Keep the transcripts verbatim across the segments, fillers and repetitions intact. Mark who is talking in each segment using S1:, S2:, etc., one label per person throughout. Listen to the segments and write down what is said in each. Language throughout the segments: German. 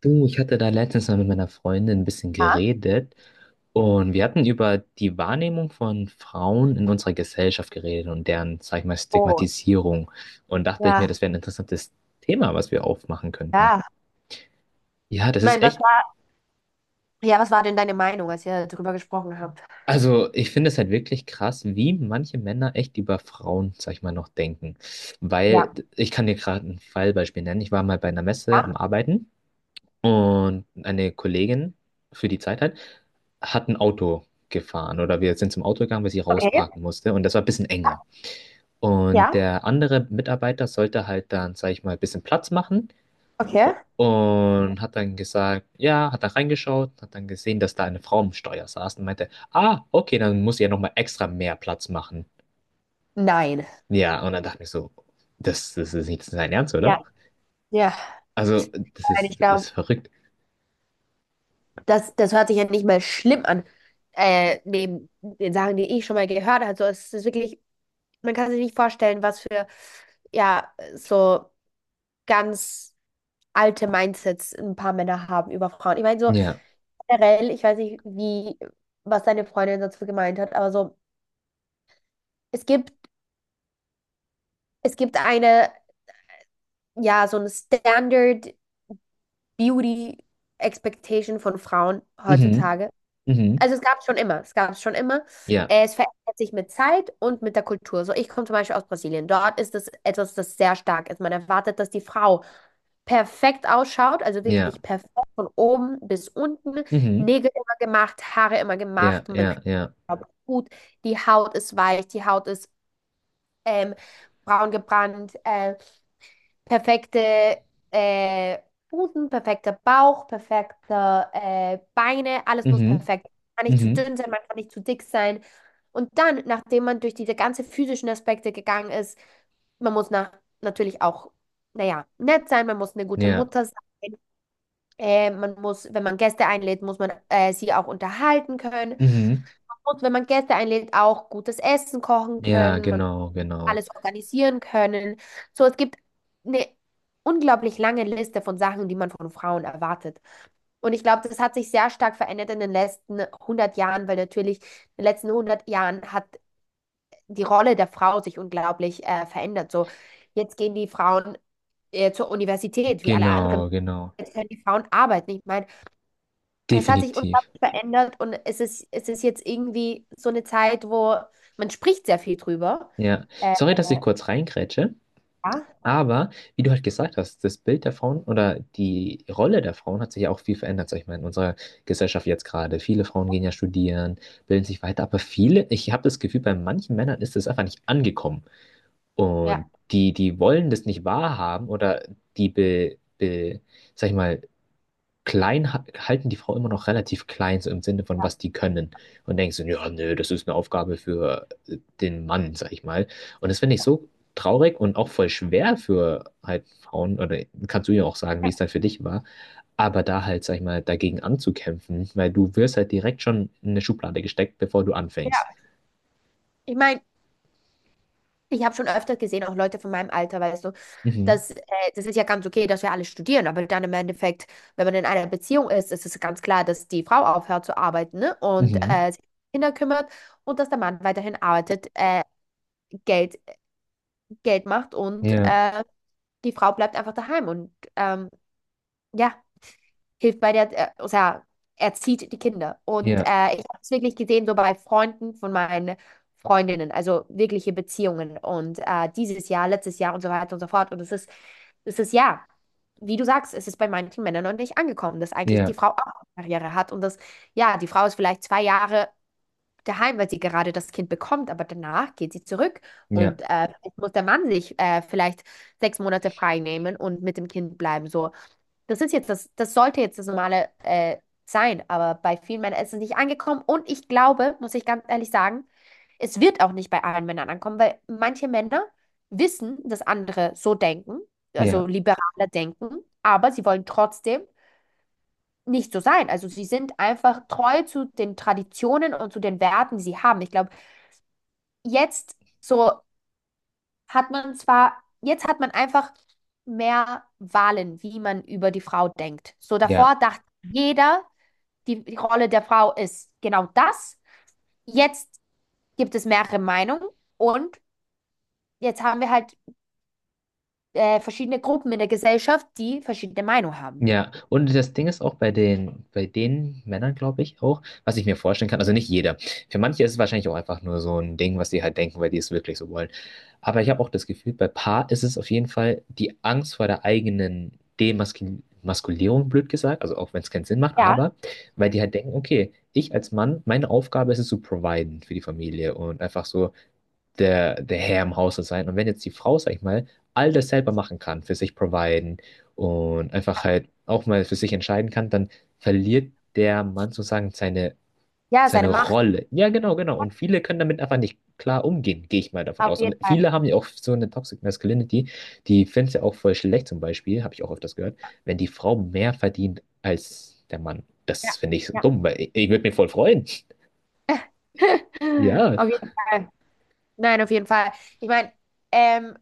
S1: Du, ich hatte da letztens mal mit meiner Freundin ein bisschen
S2: Ja.
S1: geredet und wir hatten über die Wahrnehmung von Frauen in unserer Gesellschaft geredet und deren, sag ich mal,
S2: Oh,
S1: Stigmatisierung. Und dachte ich mir,
S2: ja,
S1: das wäre ein interessantes Thema, was wir aufmachen könnten.
S2: ja.
S1: Ja,
S2: Ich
S1: das ist
S2: meine, was
S1: echt,
S2: war, ja, was war denn deine Meinung, als ihr darüber gesprochen habt?
S1: also ich finde es halt wirklich krass, wie manche Männer echt über Frauen, sag ich mal, noch denken. Weil
S2: Ja.
S1: ich kann dir gerade ein Fallbeispiel nennen. Ich war mal bei einer Messe
S2: Ja,
S1: am Arbeiten. Und eine Kollegin für die Zeit halt, hat ein Auto gefahren oder wir sind zum Auto gegangen, weil sie
S2: okay.
S1: rausparken musste und das war ein bisschen enger. Und
S2: Ja,
S1: der andere Mitarbeiter sollte halt dann, sag ich mal, ein bisschen Platz machen
S2: okay.
S1: und hat dann gesagt, ja, hat dann reingeschaut, hat dann gesehen, dass da eine Frau am Steuer saß und meinte, ah, okay, dann muss ich ja nochmal extra mehr Platz machen.
S2: Nein.
S1: Ja, und dann dachte ich so, das, das ist nicht sein Ernst, oder?
S2: Ja. Ja.
S1: Also, das
S2: Nein, ich
S1: ist, das
S2: glaube,
S1: ist verrückt.
S2: das, das hört sich ja nicht mal schlimm an, äh, neben den Sachen, die ich schon mal gehört habe. So, es ist wirklich, man kann sich nicht vorstellen, was für, ja, so ganz alte Mindsets ein paar Männer haben über Frauen. Ich meine, so
S1: Ja.
S2: generell, ich weiß nicht, wie, was deine Freundin dazu gemeint hat, aber so, es gibt Es gibt eine, ja, so eine Standard Beauty Expectation von Frauen
S1: Mhm.
S2: heutzutage.
S1: Mhm.
S2: Also es gab es schon immer, es gab es schon immer.
S1: Ja.
S2: Äh, Es verändert sich mit Zeit und mit der Kultur. So, ich komme zum Beispiel aus Brasilien. Dort ist es etwas, das sehr stark ist. Man erwartet, dass die Frau perfekt ausschaut, also
S1: Ja.
S2: wirklich perfekt von oben bis unten.
S1: Mhm.
S2: Nägel immer gemacht, Haare immer
S1: Ja,
S2: gemacht, man riecht
S1: ja, ja.
S2: gut, die Haut ist weich, die Haut ist ähm, braun gebrannt. Äh, perfekte äh, Busen, perfekter Bauch, perfekte äh, Beine, alles muss
S1: Mhm.
S2: perfekt. Man kann nicht zu
S1: Mhm.
S2: dünn sein, man kann nicht zu dick sein. Und dann, nachdem man durch diese ganzen physischen Aspekte gegangen ist, man muss nach, natürlich auch, naja, nett sein, man muss eine gute
S1: Ja.
S2: Mutter sein. Äh, man muss, wenn man Gäste einlädt, muss man äh, sie auch unterhalten können.
S1: Mhm.
S2: Man muss, wenn man Gäste einlädt, auch gutes Essen kochen
S1: Ja,
S2: können,
S1: genau, genau.
S2: alles organisieren können. So, es gibt eine unglaublich lange Liste von Sachen, die man von Frauen erwartet. Und ich glaube, das hat sich sehr stark verändert in den letzten hundert Jahren, weil natürlich in den letzten hundert Jahren hat die Rolle der Frau sich unglaublich äh, verändert. So, jetzt gehen die Frauen äh, zur Universität, wie alle anderen.
S1: Genau, genau.
S2: Jetzt können die Frauen arbeiten. Ich meine, es hat sich
S1: Definitiv.
S2: unglaublich verändert und es ist, es ist jetzt irgendwie so eine Zeit, wo man spricht sehr viel drüber.
S1: Ja.
S2: Äh,
S1: Sorry, dass ich kurz reingrätsche,
S2: ja,
S1: aber wie du halt gesagt hast, das Bild der Frauen oder die Rolle der Frauen hat sich ja auch viel verändert, sag ich mal, in unserer Gesellschaft jetzt gerade. Viele Frauen gehen ja studieren, bilden sich weiter, aber viele, ich habe das Gefühl, bei manchen Männern ist das einfach nicht angekommen.
S2: ja.
S1: Und die, die wollen das nicht wahrhaben oder die be, be, sag ich mal, klein ha- halten die Frau immer noch relativ klein, so im Sinne von, was die können. Und denkst du, ja, nö, das ist eine Aufgabe für äh, den Mann, sag ich mal. Und das finde ich so traurig und auch voll schwer für halt Frauen, oder kannst du ja auch sagen, wie es dann für dich war, aber da halt, sag ich mal, dagegen anzukämpfen, weil du wirst halt direkt schon in eine Schublade gesteckt, bevor du
S2: Ja,
S1: anfängst.
S2: ich meine, Ich habe schon öfter gesehen, auch Leute von meinem Alter, weißt du,
S1: Mhm.
S2: dass äh, das ist ja ganz okay, dass wir alle studieren, aber dann im Endeffekt, wenn man in einer Beziehung ist, ist es ganz klar, dass die Frau aufhört zu arbeiten, ne, und
S1: Mhm.
S2: äh, sich um Kinder kümmert und dass der Mann weiterhin arbeitet, äh, Geld, Geld macht und
S1: Ja,
S2: äh, die Frau bleibt einfach daheim und ähm, ja, hilft bei der, äh, o sea, erzieht die Kinder. Und
S1: ja,
S2: äh, ich habe es wirklich gesehen, so bei Freunden von meinen Freundinnen, also wirkliche Beziehungen. Und äh, dieses Jahr, letztes Jahr und so weiter und so fort. Und es ist, es ist ja, wie du sagst, es ist bei manchen Männern noch nicht angekommen, dass eigentlich die
S1: ja,
S2: Frau auch eine Karriere hat und dass, ja, die Frau ist vielleicht zwei Jahre daheim, weil sie gerade das Kind bekommt, aber danach geht sie zurück
S1: ja,
S2: und äh, jetzt muss der Mann sich äh, vielleicht sechs Monate frei nehmen und mit dem Kind bleiben. So, das ist jetzt das, das sollte jetzt das Normale äh, sein, aber bei vielen Männern ist es nicht angekommen. Und ich glaube, muss ich ganz ehrlich sagen, es wird auch nicht bei allen Männern ankommen, weil manche Männer wissen, dass andere so denken, also
S1: ja,
S2: liberaler denken, aber sie wollen trotzdem nicht so sein. Also sie sind einfach treu zu den Traditionen und zu den Werten, die sie haben. Ich glaube, jetzt so hat man zwar, jetzt hat man einfach mehr Wahlen, wie man über die Frau denkt. So
S1: ja.
S2: davor dachte jeder die, die Rolle der Frau ist genau das. Jetzt gibt es mehrere Meinungen und jetzt haben wir halt äh, verschiedene Gruppen in der Gesellschaft, die verschiedene Meinungen haben.
S1: Ja, und das Ding ist auch bei den, bei den Männern, glaube ich, auch, was ich mir vorstellen kann, also nicht jeder. Für manche ist es wahrscheinlich auch einfach nur so ein Ding, was die halt denken, weil die es wirklich so wollen. Aber ich habe auch das Gefühl, bei Paar ist es auf jeden Fall die Angst vor der eigenen Demaskulierung, blöd gesagt, also auch wenn es keinen Sinn macht,
S2: Ja.
S1: aber weil die halt denken, okay, ich als Mann, meine Aufgabe ist es zu providen für die Familie und einfach so der, der Herr im Hause sein. Und wenn jetzt die Frau, sag ich mal, all das selber machen kann, für sich providen und einfach halt auch mal für sich entscheiden kann, dann verliert der Mann sozusagen seine,
S2: Ja,
S1: seine
S2: seine Macht,
S1: Rolle. Ja, genau, genau. Und viele können damit einfach nicht klar umgehen, gehe ich mal davon
S2: auf
S1: aus. Und
S2: jeden Fall.
S1: viele haben ja auch so eine Toxic Masculinity, die finden es ja auch voll schlecht zum Beispiel, habe ich auch öfters gehört, wenn die Frau mehr verdient als der Mann.
S2: Ja,
S1: Das finde ich so
S2: ja.
S1: dumm, weil ich, ich würde mich voll freuen. Ja,
S2: Auf jeden Fall. Nein, auf jeden Fall. Ich meine, ähm,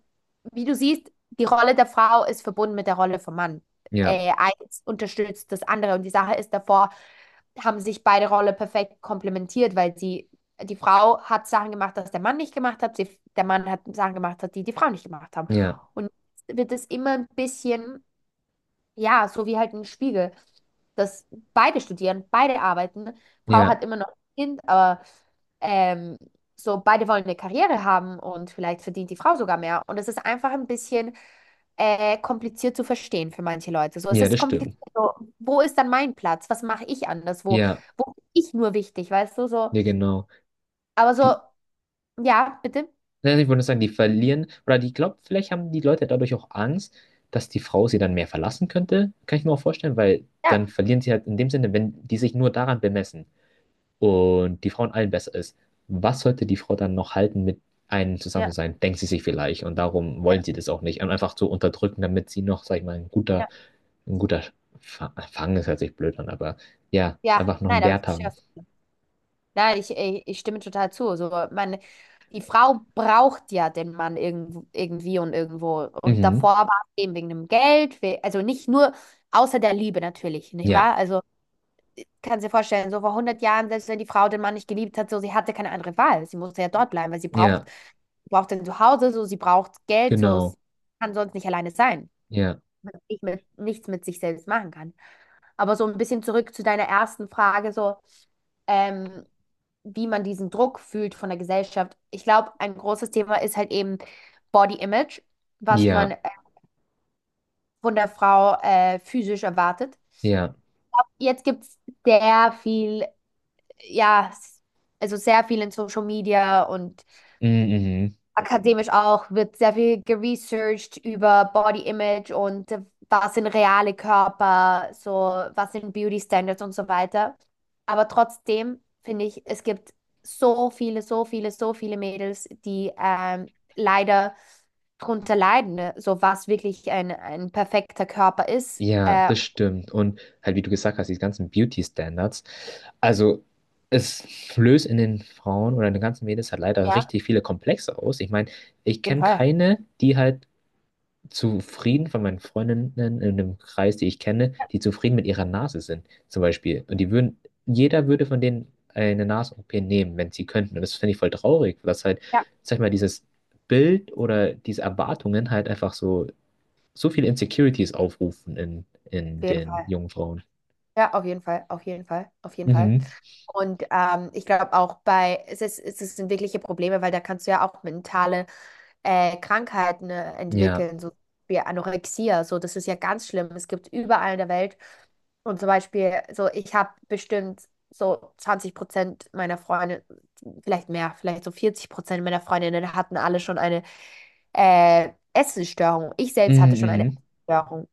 S2: wie du siehst, die Rolle der Frau ist verbunden mit der Rolle vom Mann.
S1: ja,
S2: Äh, eins unterstützt das andere. Und die Sache ist, davor haben sich beide Rollen perfekt komplementiert, weil sie, die Frau hat Sachen gemacht, das der Mann nicht gemacht hat. Sie, der Mann hat Sachen gemacht, die die Frau nicht gemacht haben.
S1: ja,
S2: Und jetzt wird es immer ein bisschen. Ja, so wie halt ein Spiegel, dass beide studieren, beide arbeiten. Frau
S1: ja,
S2: hat immer noch ein Kind, aber ähm, so beide wollen eine Karriere haben und vielleicht verdient die Frau sogar mehr. Und es ist einfach ein bisschen äh, kompliziert zu verstehen für manche Leute. So, es
S1: ja,
S2: ist
S1: das
S2: kompliziert.
S1: stimmt.
S2: So, wo ist dann mein Platz? Was mache ich anders? Wo,
S1: Ja.
S2: wo bin ich nur wichtig, weißt du? So,
S1: Ja, genau.
S2: aber
S1: Die,
S2: so, ja, bitte.
S1: ja, ich würde sagen, die verlieren, oder die glaubt, vielleicht haben die Leute dadurch auch Angst, dass die Frau sie dann mehr verlassen könnte. Kann ich mir auch vorstellen, weil dann
S2: Ja,
S1: verlieren sie halt in dem Sinne, wenn die sich nur daran bemessen und die Frau in allen besser ist. Was sollte die Frau dann noch halten, mit einem zusammen zu
S2: ja,
S1: sein? Denkt sie sich vielleicht. Und darum wollen
S2: ja,
S1: sie das auch nicht. Und einfach so unterdrücken, damit sie noch, sag ich mal, ein guter,
S2: ja.
S1: ein guter Fa- Fang ist, hört sich blöd an, aber ja,
S2: Ja,
S1: einfach noch
S2: nein,
S1: einen
S2: aber ich
S1: Wert
S2: verstehe,
S1: haben.
S2: was Ja, ich, ich, ich stimme total zu. So, man, die Frau braucht ja den Mann irgend, irgendwie und irgendwo. Und
S1: Mhm.
S2: davor war es eben wegen dem Geld, we- also nicht nur außer der Liebe natürlich, nicht
S1: Ja,
S2: wahr? Also kannst du dir vorstellen, so vor hundert Jahren, selbst wenn die Frau den Mann nicht geliebt hat, so sie hatte keine andere Wahl. Sie musste ja dort bleiben, weil sie braucht,
S1: ja,
S2: braucht ein Zuhause, so sie braucht Geld, so
S1: genau.
S2: sie kann sonst nicht alleine sein.
S1: Ja.
S2: Weil sie Nicht mit, nichts mit sich selbst machen kann. Aber so ein bisschen zurück zu deiner ersten Frage, so, Ähm, wie man diesen Druck fühlt von der Gesellschaft. Ich glaube, ein großes Thema ist halt eben Body Image, was man
S1: Ja,
S2: äh, von der Frau äh, physisch erwartet.
S1: Ja,
S2: Jetzt gibt es sehr viel, ja, s- also sehr viel in Social Media und
S1: mm, mhm.
S2: akademisch auch, wird sehr viel geresearched über Body Image und äh, was sind reale Körper, so was sind Beauty Standards und so weiter. Aber trotzdem finde ich, es gibt so viele, so viele, so viele Mädels, die ähm, leider drunter leiden, ne? So was wirklich ein, ein perfekter Körper ist.
S1: Ja,
S2: Äh,
S1: das stimmt. Und halt, wie du gesagt hast, die ganzen Beauty-Standards. Also, es löst in den Frauen oder in den ganzen Mädels halt leider
S2: ja, auf
S1: richtig viele Komplexe aus. Ich meine, ich
S2: jeden
S1: kenne
S2: Fall.
S1: keine, die halt zufrieden von meinen Freundinnen in dem Kreis, die ich kenne, die zufrieden mit ihrer Nase sind, zum Beispiel. Und die würden, jeder würde von denen eine Nasen-O P nehmen, wenn sie könnten. Und das finde ich voll traurig, was halt,
S2: Ja,
S1: sag ich mal, dieses Bild oder diese Erwartungen halt einfach so so viele Insecurities aufrufen in,
S2: auf
S1: in
S2: jeden
S1: den
S2: Fall.
S1: jungen Frauen.
S2: Ja, auf jeden Fall, auf jeden Fall, auf jeden Fall.
S1: Mhm.
S2: Und ähm, ich glaube auch bei, es ist, es ist- sind wirkliche Probleme, weil da kannst du ja auch mentale äh, Krankheiten äh,
S1: Ja.
S2: entwickeln, so wie Anorexia. So, das ist ja ganz schlimm. Es gibt überall in der Welt. Und zum Beispiel, so ich habe bestimmt so zwanzig Prozent meiner Freunde, vielleicht mehr, vielleicht so vierzig Prozent meiner Freundinnen hatten alle schon eine äh, Essensstörung. Ich selbst hatte
S1: Mhm,
S2: schon eine
S1: mhm.
S2: Essensstörung.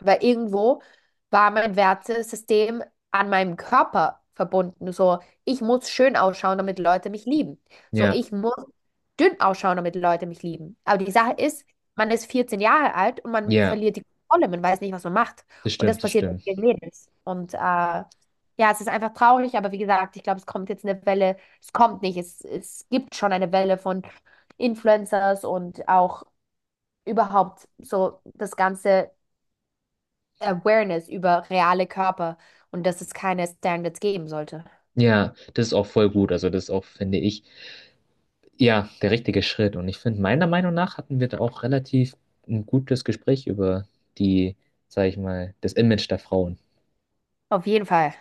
S2: Weil irgendwo war mein Wertesystem an meinem Körper verbunden. So, ich muss schön ausschauen, damit Leute mich lieben. So,
S1: Ja.
S2: ich muss dünn ausschauen, damit Leute mich lieben. Aber die Sache ist, man ist vierzehn Jahre alt und man
S1: Ja.
S2: verliert die Kontrolle. Man weiß nicht, was man macht.
S1: Das
S2: Und das
S1: stimmt, das
S2: passiert mit
S1: stimmt.
S2: vielen Mädels. Und äh, ja, es ist einfach traurig, aber wie gesagt, ich glaube, es kommt jetzt eine Welle. Es kommt nicht. Es, es gibt schon eine Welle von Influencers und auch überhaupt so das ganze Awareness über reale Körper und dass es keine Standards geben sollte.
S1: Ja, das ist auch voll gut. Also das ist auch, finde ich, ja, der richtige Schritt. Und ich finde, meiner Meinung nach hatten wir da auch relativ ein gutes Gespräch über die, sag ich mal, das Image der Frauen.
S2: Auf jeden Fall.